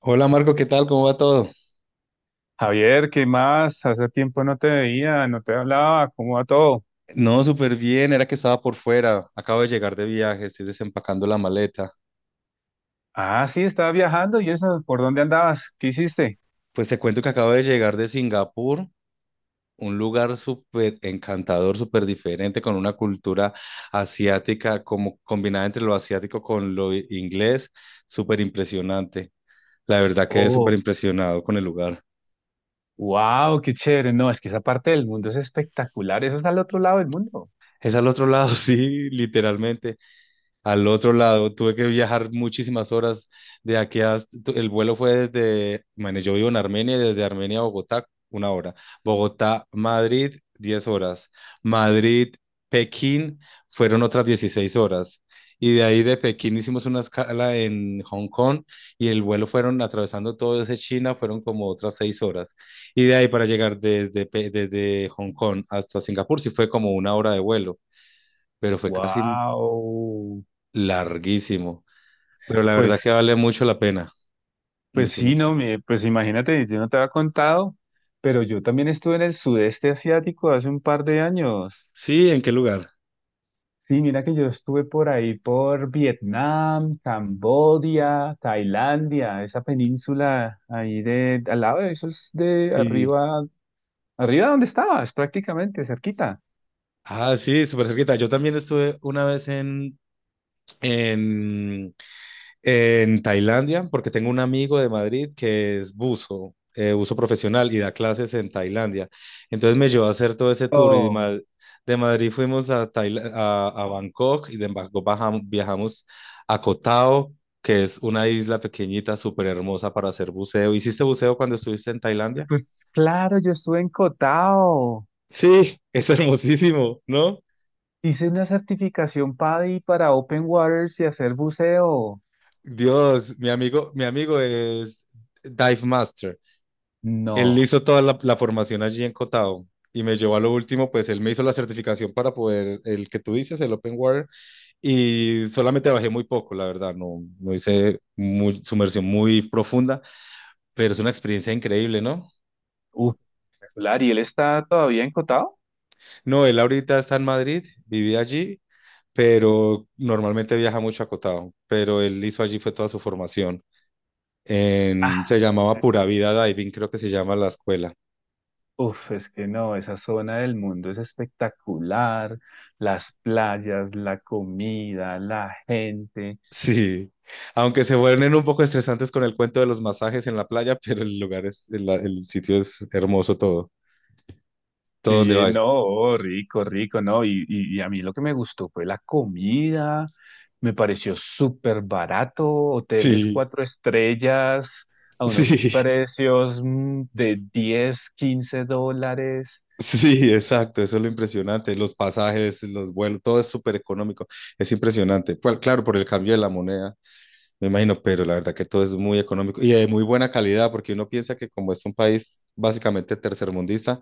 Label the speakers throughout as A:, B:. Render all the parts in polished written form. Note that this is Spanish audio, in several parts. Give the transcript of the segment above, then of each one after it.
A: Hola Marco, ¿qué tal? ¿Cómo va todo?
B: Javier, ¿qué más? Hace tiempo no te veía, no te hablaba, ¿cómo va todo?
A: No, súper bien, era que estaba por fuera, acabo de llegar de viaje, estoy desempacando la maleta.
B: Ah, sí, estaba viajando y eso, ¿por dónde andabas? ¿Qué hiciste?
A: Pues te cuento que acabo de llegar de Singapur, un lugar súper encantador, súper diferente, con una cultura asiática como combinada entre lo asiático con lo inglés, súper impresionante. La verdad quedé súper
B: Oh,
A: impresionado con el lugar.
B: wow, qué chévere. No, es que esa parte del mundo es espectacular, eso está al otro lado del mundo.
A: Es al otro lado, sí, literalmente. Al otro lado. Tuve que viajar muchísimas horas de aquí hasta, el vuelo fue desde, bueno, yo vivo en Armenia, y desde Armenia a Bogotá, una hora. Bogotá, Madrid, 10 horas. Madrid, Pekín, fueron otras 16 horas. Y de ahí de Pekín hicimos una escala en Hong Kong y el vuelo fueron atravesando todo desde China, fueron como otras 6 horas. Y de ahí para llegar desde, desde Hong Kong hasta Singapur, sí fue como una hora de vuelo, pero fue casi
B: Wow.
A: larguísimo. Pero la verdad que
B: Pues,
A: vale mucho la pena,
B: pues
A: mucho,
B: sí,
A: mucho.
B: no, pues imagínate, yo no te había contado, pero yo también estuve en el sudeste asiático hace un par de años.
A: Sí, ¿en qué lugar?
B: Sí, mira que yo estuve por ahí, por Vietnam, Camboya, Tailandia, esa península ahí de, al lado de eso es de
A: Sí.
B: arriba, arriba donde estabas, prácticamente, cerquita.
A: Ah, sí, súper cerquita. Yo también estuve una vez en, en Tailandia, porque tengo un amigo de Madrid que es buzo, buzo profesional y da clases en Tailandia. Entonces me llevó a hacer todo ese tour y
B: Oh,
A: De Madrid fuimos a Bangkok y de Bangkok viajamos a Koh Tao, que es una isla pequeñita, súper hermosa para hacer buceo. ¿Hiciste buceo cuando estuviste en Tailandia?
B: pues claro, yo estuve en Cotao.
A: Sí, es hermosísimo, ¿no?
B: Hice una certificación PADI para Open Waters y hacer buceo.
A: Dios, mi amigo es Dive Master. Él
B: No,
A: hizo toda la formación allí en Cotao y me llevó a lo último, pues él me hizo la certificación para poder, el que tú dices, el Open Water, y solamente bajé muy poco, la verdad, no hice muy, sumersión muy profunda, pero es una experiencia increíble, ¿no?
B: uf, espectacular. ¿Y él está todavía en Cotao?
A: No, él ahorita está en Madrid, vivía allí, pero normalmente viaja mucho a Cotao, pero él hizo allí fue toda su formación. Se
B: Ah.
A: llamaba Pura Vida Diving, creo que se llama la escuela.
B: Uf, es que no, esa zona del mundo es espectacular, las playas, la comida, la gente,
A: Sí, aunque se vuelven un poco estresantes con el cuento de los masajes en la playa, pero el sitio es hermoso todo, todo donde vaya.
B: no, oh, rico, rico, no, y a mí lo que me gustó fue la comida, me pareció súper barato, hoteles
A: Sí,
B: cuatro estrellas a unos
A: sí,
B: precios de 10, $15,
A: sí, exacto, eso es lo impresionante, los pasajes, los vuelos, todo es súper económico, es impresionante. Pues, claro, por el cambio de la moneda, me imagino, pero la verdad que todo es muy económico y de muy buena calidad, porque uno piensa que como es un país básicamente tercermundista,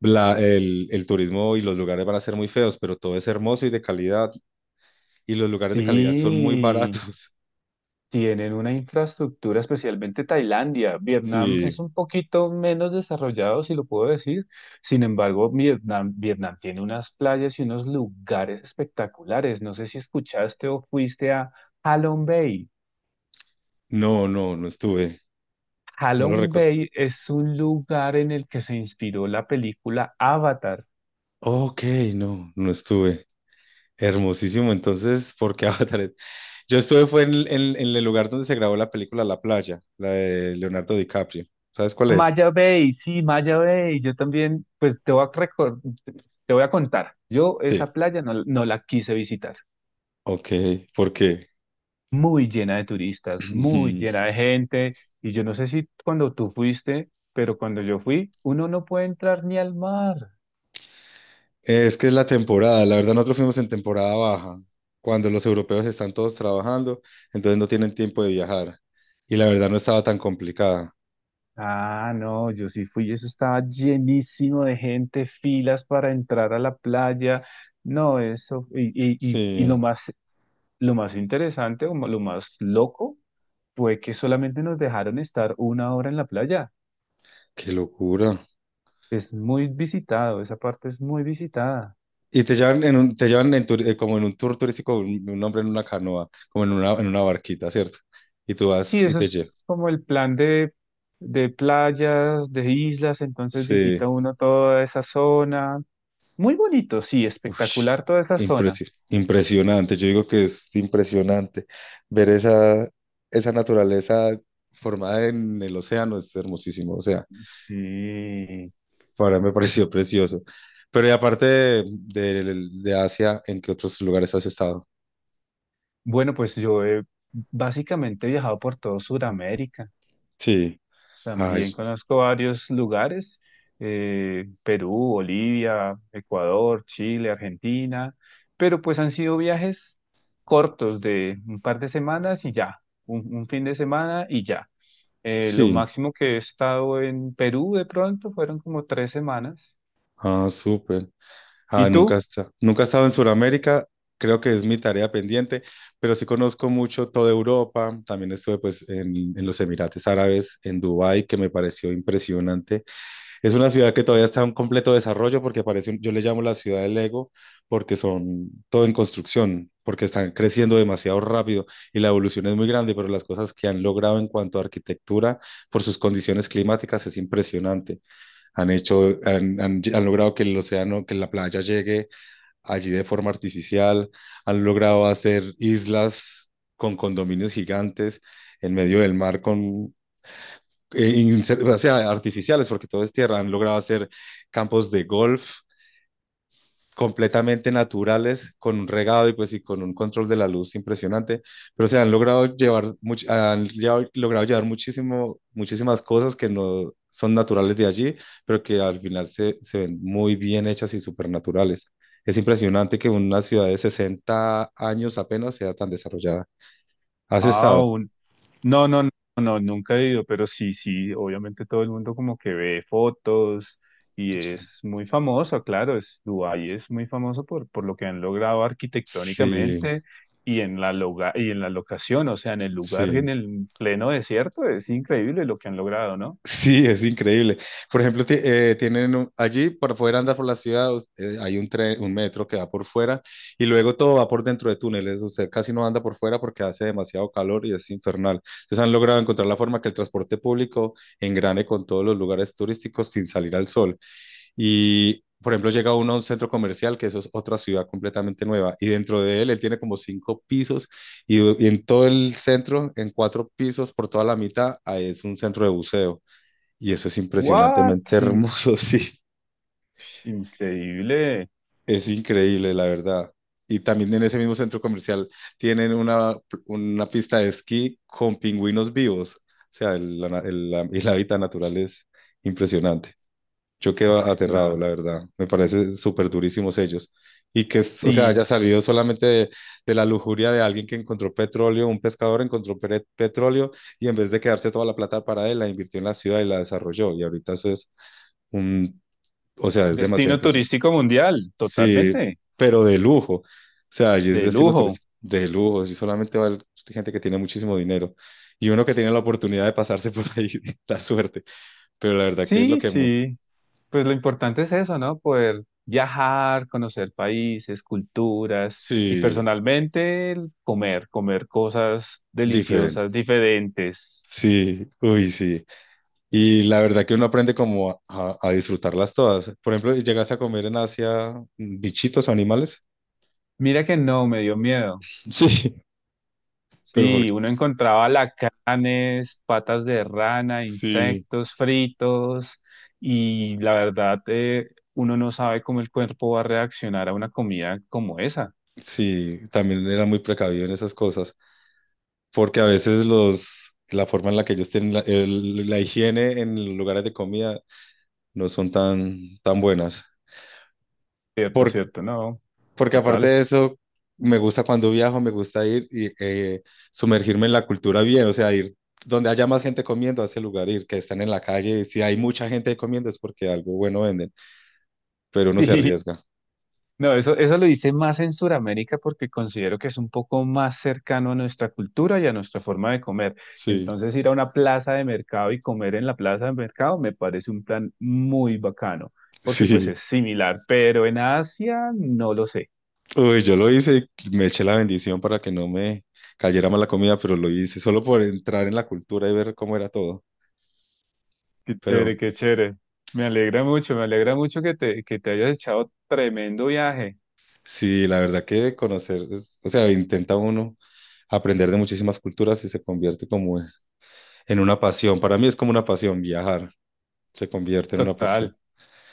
A: el turismo y los lugares van a ser muy feos, pero todo es hermoso y de calidad. Y los lugares de calidad son muy
B: sí.
A: baratos.
B: Tienen una infraestructura, especialmente Tailandia. Vietnam
A: Sí,
B: es un poquito menos desarrollado, si lo puedo decir. Sin embargo, Vietnam tiene unas playas y unos lugares espectaculares. No sé si escuchaste o fuiste a Halong Bay.
A: no, no, no estuve. No lo
B: Halong
A: recuerdo.
B: Bay es un lugar en el que se inspiró la película Avatar.
A: Ok, no, no estuve. Hermosísimo. Entonces, porque qué Avatar? Yo estuve fue en el lugar donde se grabó la película La Playa, la de Leonardo DiCaprio. ¿Sabes cuál es?
B: Maya Bay, sí, Maya Bay. Yo también, pues te voy a contar. Yo
A: Sí.
B: esa playa no la quise visitar.
A: Ok, ¿por qué?
B: Muy llena de turistas, muy llena de gente. Y yo no sé si cuando tú fuiste, pero cuando yo fui, uno no puede entrar ni al mar.
A: Es que es la temporada, la verdad nosotros fuimos en temporada baja, cuando los europeos están todos trabajando, entonces no tienen tiempo de viajar. Y la verdad no estaba tan complicada.
B: Ah, no, yo sí fui, eso estaba llenísimo de gente, filas para entrar a la playa. No, eso, y lo
A: Sí,
B: más, lo más interesante o lo más loco fue que solamente nos dejaron estar 1 hora en la playa.
A: qué locura.
B: Es muy visitado, esa parte es muy visitada.
A: Y te llevan en un, te llevan como en un tour turístico, un hombre en una canoa, como en una barquita, ¿cierto? Y tú vas
B: Sí,
A: y
B: eso
A: te llevas.
B: es como el plan de, playas, de islas, entonces
A: Sí,
B: visita uno toda esa zona. Muy bonito, sí,
A: ush,
B: espectacular toda esa zona.
A: impresionante. Yo digo que es impresionante ver esa naturaleza formada en el océano, es hermosísimo. O sea,
B: Sí.
A: para me pareció precioso. Pero y aparte de Asia, ¿en qué otros lugares has estado?
B: Bueno, pues yo he básicamente viajado por todo Sudamérica.
A: Sí. Ay,
B: También conozco varios lugares, Perú, Bolivia, Ecuador, Chile, Argentina, pero pues han sido viajes cortos de un par de semanas y ya, un fin de semana y ya. Lo
A: sí.
B: máximo que he estado en Perú de pronto fueron como 3 semanas.
A: Ah, súper. Ah,
B: ¿Y tú?
A: nunca he estado en Sudamérica. Creo que es mi tarea pendiente, pero sí conozco mucho toda Europa. También estuve pues en los Emiratos Árabes, en Dubái, que me pareció impresionante. Es una ciudad que todavía está en completo desarrollo porque parece, yo le llamo la ciudad del Lego porque son todo en construcción, porque están creciendo demasiado rápido y la evolución es muy grande, pero las cosas que han logrado en cuanto a arquitectura por sus condiciones climáticas es impresionante. Han hecho, han, han lle- han logrado que el océano, que la playa llegue allí de forma artificial, han logrado hacer islas con condominios gigantes en medio del mar, o sea, artificiales, porque todo es tierra, han logrado hacer campos de golf completamente naturales, con un regado y pues y con un control de la luz impresionante, pero se han logrado llevar, much- han llevado- logrado llevar muchísimo, muchísimas cosas que no son naturales de allí, pero que al final se ven muy bien hechas y supernaturales. Es impresionante que una ciudad de 60 años apenas sea tan desarrollada. ¿Has
B: Ah,
A: estado?
B: un- No, no, no, no, nunca he ido, pero sí, sí, obviamente todo el mundo como que ve fotos y
A: Sí,
B: es muy famoso, claro, es Dubái es muy famoso por lo que han logrado
A: sí.
B: arquitectónicamente y en la locación, o sea, en el lugar,
A: Sí.
B: en el pleno desierto, es increíble lo que han logrado, ¿no?
A: Sí, es increíble. Por ejemplo, tienen allí para poder andar por la ciudad, hay un tren, un metro que va por fuera y luego todo va por dentro de túneles. Usted casi no anda por fuera porque hace demasiado calor y es infernal. Entonces han logrado encontrar la forma que el transporte público engrane con todos los lugares turísticos sin salir al sol. Y, por ejemplo, llega uno a un centro comercial, que eso es otra ciudad completamente nueva, y dentro de él, él tiene como cinco pisos y en todo el centro, en cuatro pisos, por toda la mitad, es un centro de buceo. Y eso es
B: What?
A: impresionantemente hermoso, sí,
B: Increíble.
A: es increíble, la verdad. Y también en ese mismo centro comercial tienen una pista de esquí con pingüinos vivos. O sea, el hábitat natural es impresionante. Yo quedo aterrado,
B: No.
A: la verdad. Me parece súper durísimos ellos. Y que, o sea, haya
B: Sí.
A: salido solamente de la lujuria de alguien que encontró petróleo, un pescador encontró petróleo y en vez de quedarse toda la plata para él, la invirtió en la ciudad y la desarrolló. Y ahorita eso es un. O sea, es demasiado
B: Destino
A: impresionante.
B: turístico mundial,
A: Sí,
B: totalmente,
A: pero de lujo. O sea, allí es
B: de
A: destino
B: lujo.
A: turístico de lujo. Allí solamente va gente que tiene muchísimo dinero. Y uno que tiene la oportunidad de pasarse por ahí, la suerte. Pero la verdad que es lo
B: Sí,
A: que.
B: sí, pues lo importante es eso, ¿no? Poder viajar, conocer países, culturas y
A: Sí,
B: personalmente el comer, comer cosas
A: diferente.
B: deliciosas, diferentes.
A: Sí, uy, sí. Y la verdad que uno aprende como a disfrutarlas todas. Por ejemplo, llegas a comer en Asia, bichitos o animales.
B: Mira que no, me dio miedo.
A: Sí, pero
B: Sí,
A: porque.
B: uno encontraba lacanes, patas de rana,
A: Sí,
B: insectos fritos y la verdad, uno no sabe cómo el cuerpo va a reaccionar a una comida como esa.
A: sí, también era muy precavido en esas cosas. Porque a veces la forma en la que ellos tienen la higiene en los lugares de comida no son tan buenas.
B: Cierto,
A: Por,
B: cierto, no,
A: Porque aparte
B: total.
A: de eso, me gusta cuando viajo, me gusta ir y sumergirme en la cultura bien, o sea, ir donde haya más gente comiendo a ese lugar, ir que están en la calle, y si hay mucha gente comiendo es porque algo bueno venden, pero uno se
B: Sí,
A: arriesga.
B: no, eso lo hice más en Sudamérica porque considero que es un poco más cercano a nuestra cultura y a nuestra forma de comer.
A: Sí,
B: Entonces, ir a una plaza de mercado y comer en la plaza de mercado me parece un plan muy bacano, porque pues
A: sí.
B: es similar, pero en Asia no lo sé.
A: Uy, yo lo hice, y me eché la bendición para que no me cayera mal la comida, pero lo hice solo por entrar en la cultura y ver cómo era todo.
B: Qué
A: Pero
B: chévere, qué chévere. Me alegra mucho que te hayas echado tremendo viaje.
A: sí, la verdad que conocer, o sea, intenta uno aprender de muchísimas culturas y se convierte como en una pasión. Para mí es como una pasión viajar, se convierte en una pasión.
B: Total.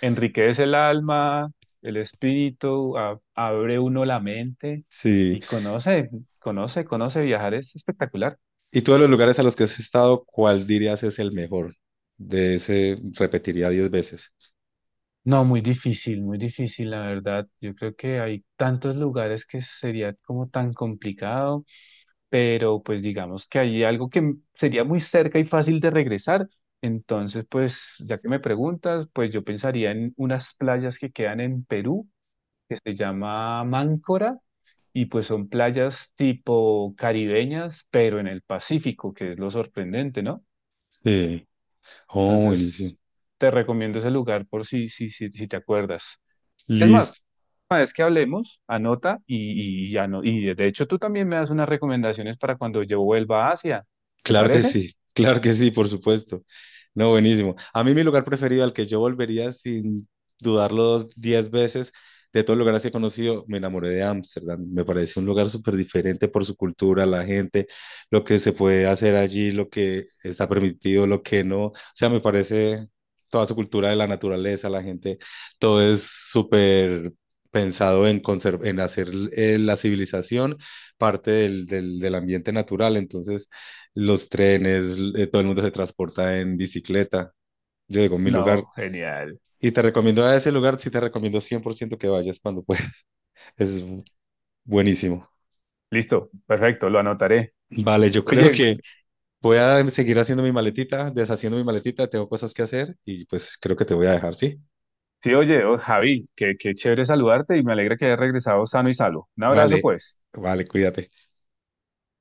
B: Enriquece el alma, el espíritu, abre uno la mente
A: Sí.
B: y conoce viajar, es espectacular.
A: Y todos los lugares a los que has estado, ¿cuál dirías es el mejor? De ese repetiría 10 veces.
B: No, muy difícil, la verdad. Yo creo que hay tantos lugares que sería como tan complicado, pero pues digamos que hay algo que sería muy cerca y fácil de regresar. Entonces, pues ya que me preguntas, pues yo pensaría en unas playas que quedan en Perú, que se llama Máncora y pues son playas tipo caribeñas, pero en el Pacífico, que es lo sorprendente, ¿no?
A: Sí. Oh, buenísimo.
B: Entonces, te recomiendo ese lugar por si te acuerdas. Es más,
A: Listo.
B: una vez que hablemos, anota y de hecho tú también me das unas recomendaciones para cuando yo vuelva a Asia. ¿Te
A: Claro que
B: parece?
A: sí, claro que sí, por supuesto. No, buenísimo. A mí mi lugar preferido al que yo volvería sin dudarlo 10 veces de todos los lugares que he conocido, me enamoré de Ámsterdam. Me parece un lugar súper diferente por su cultura, la gente, lo que se puede hacer allí, lo que está permitido, lo que no. O sea, me parece toda su cultura de la naturaleza, la gente, todo es súper pensado en hacer, la civilización parte del ambiente natural. Entonces los trenes, todo el mundo se transporta en bicicleta. Yo digo, mi lugar,
B: No, genial.
A: y te recomiendo a ese lugar, sí te recomiendo 100% que vayas cuando puedas. Es buenísimo.
B: Listo, perfecto, lo anotaré.
A: Vale, yo creo
B: Oye,
A: que voy a seguir haciendo mi maletita, deshaciendo mi maletita, tengo cosas que hacer y pues creo que te voy a dejar, ¿sí?
B: sí, oye, oh, Javi, qué chévere saludarte y me alegra que hayas regresado sano y salvo. Un abrazo,
A: Vale,
B: pues.
A: vale, cuídate.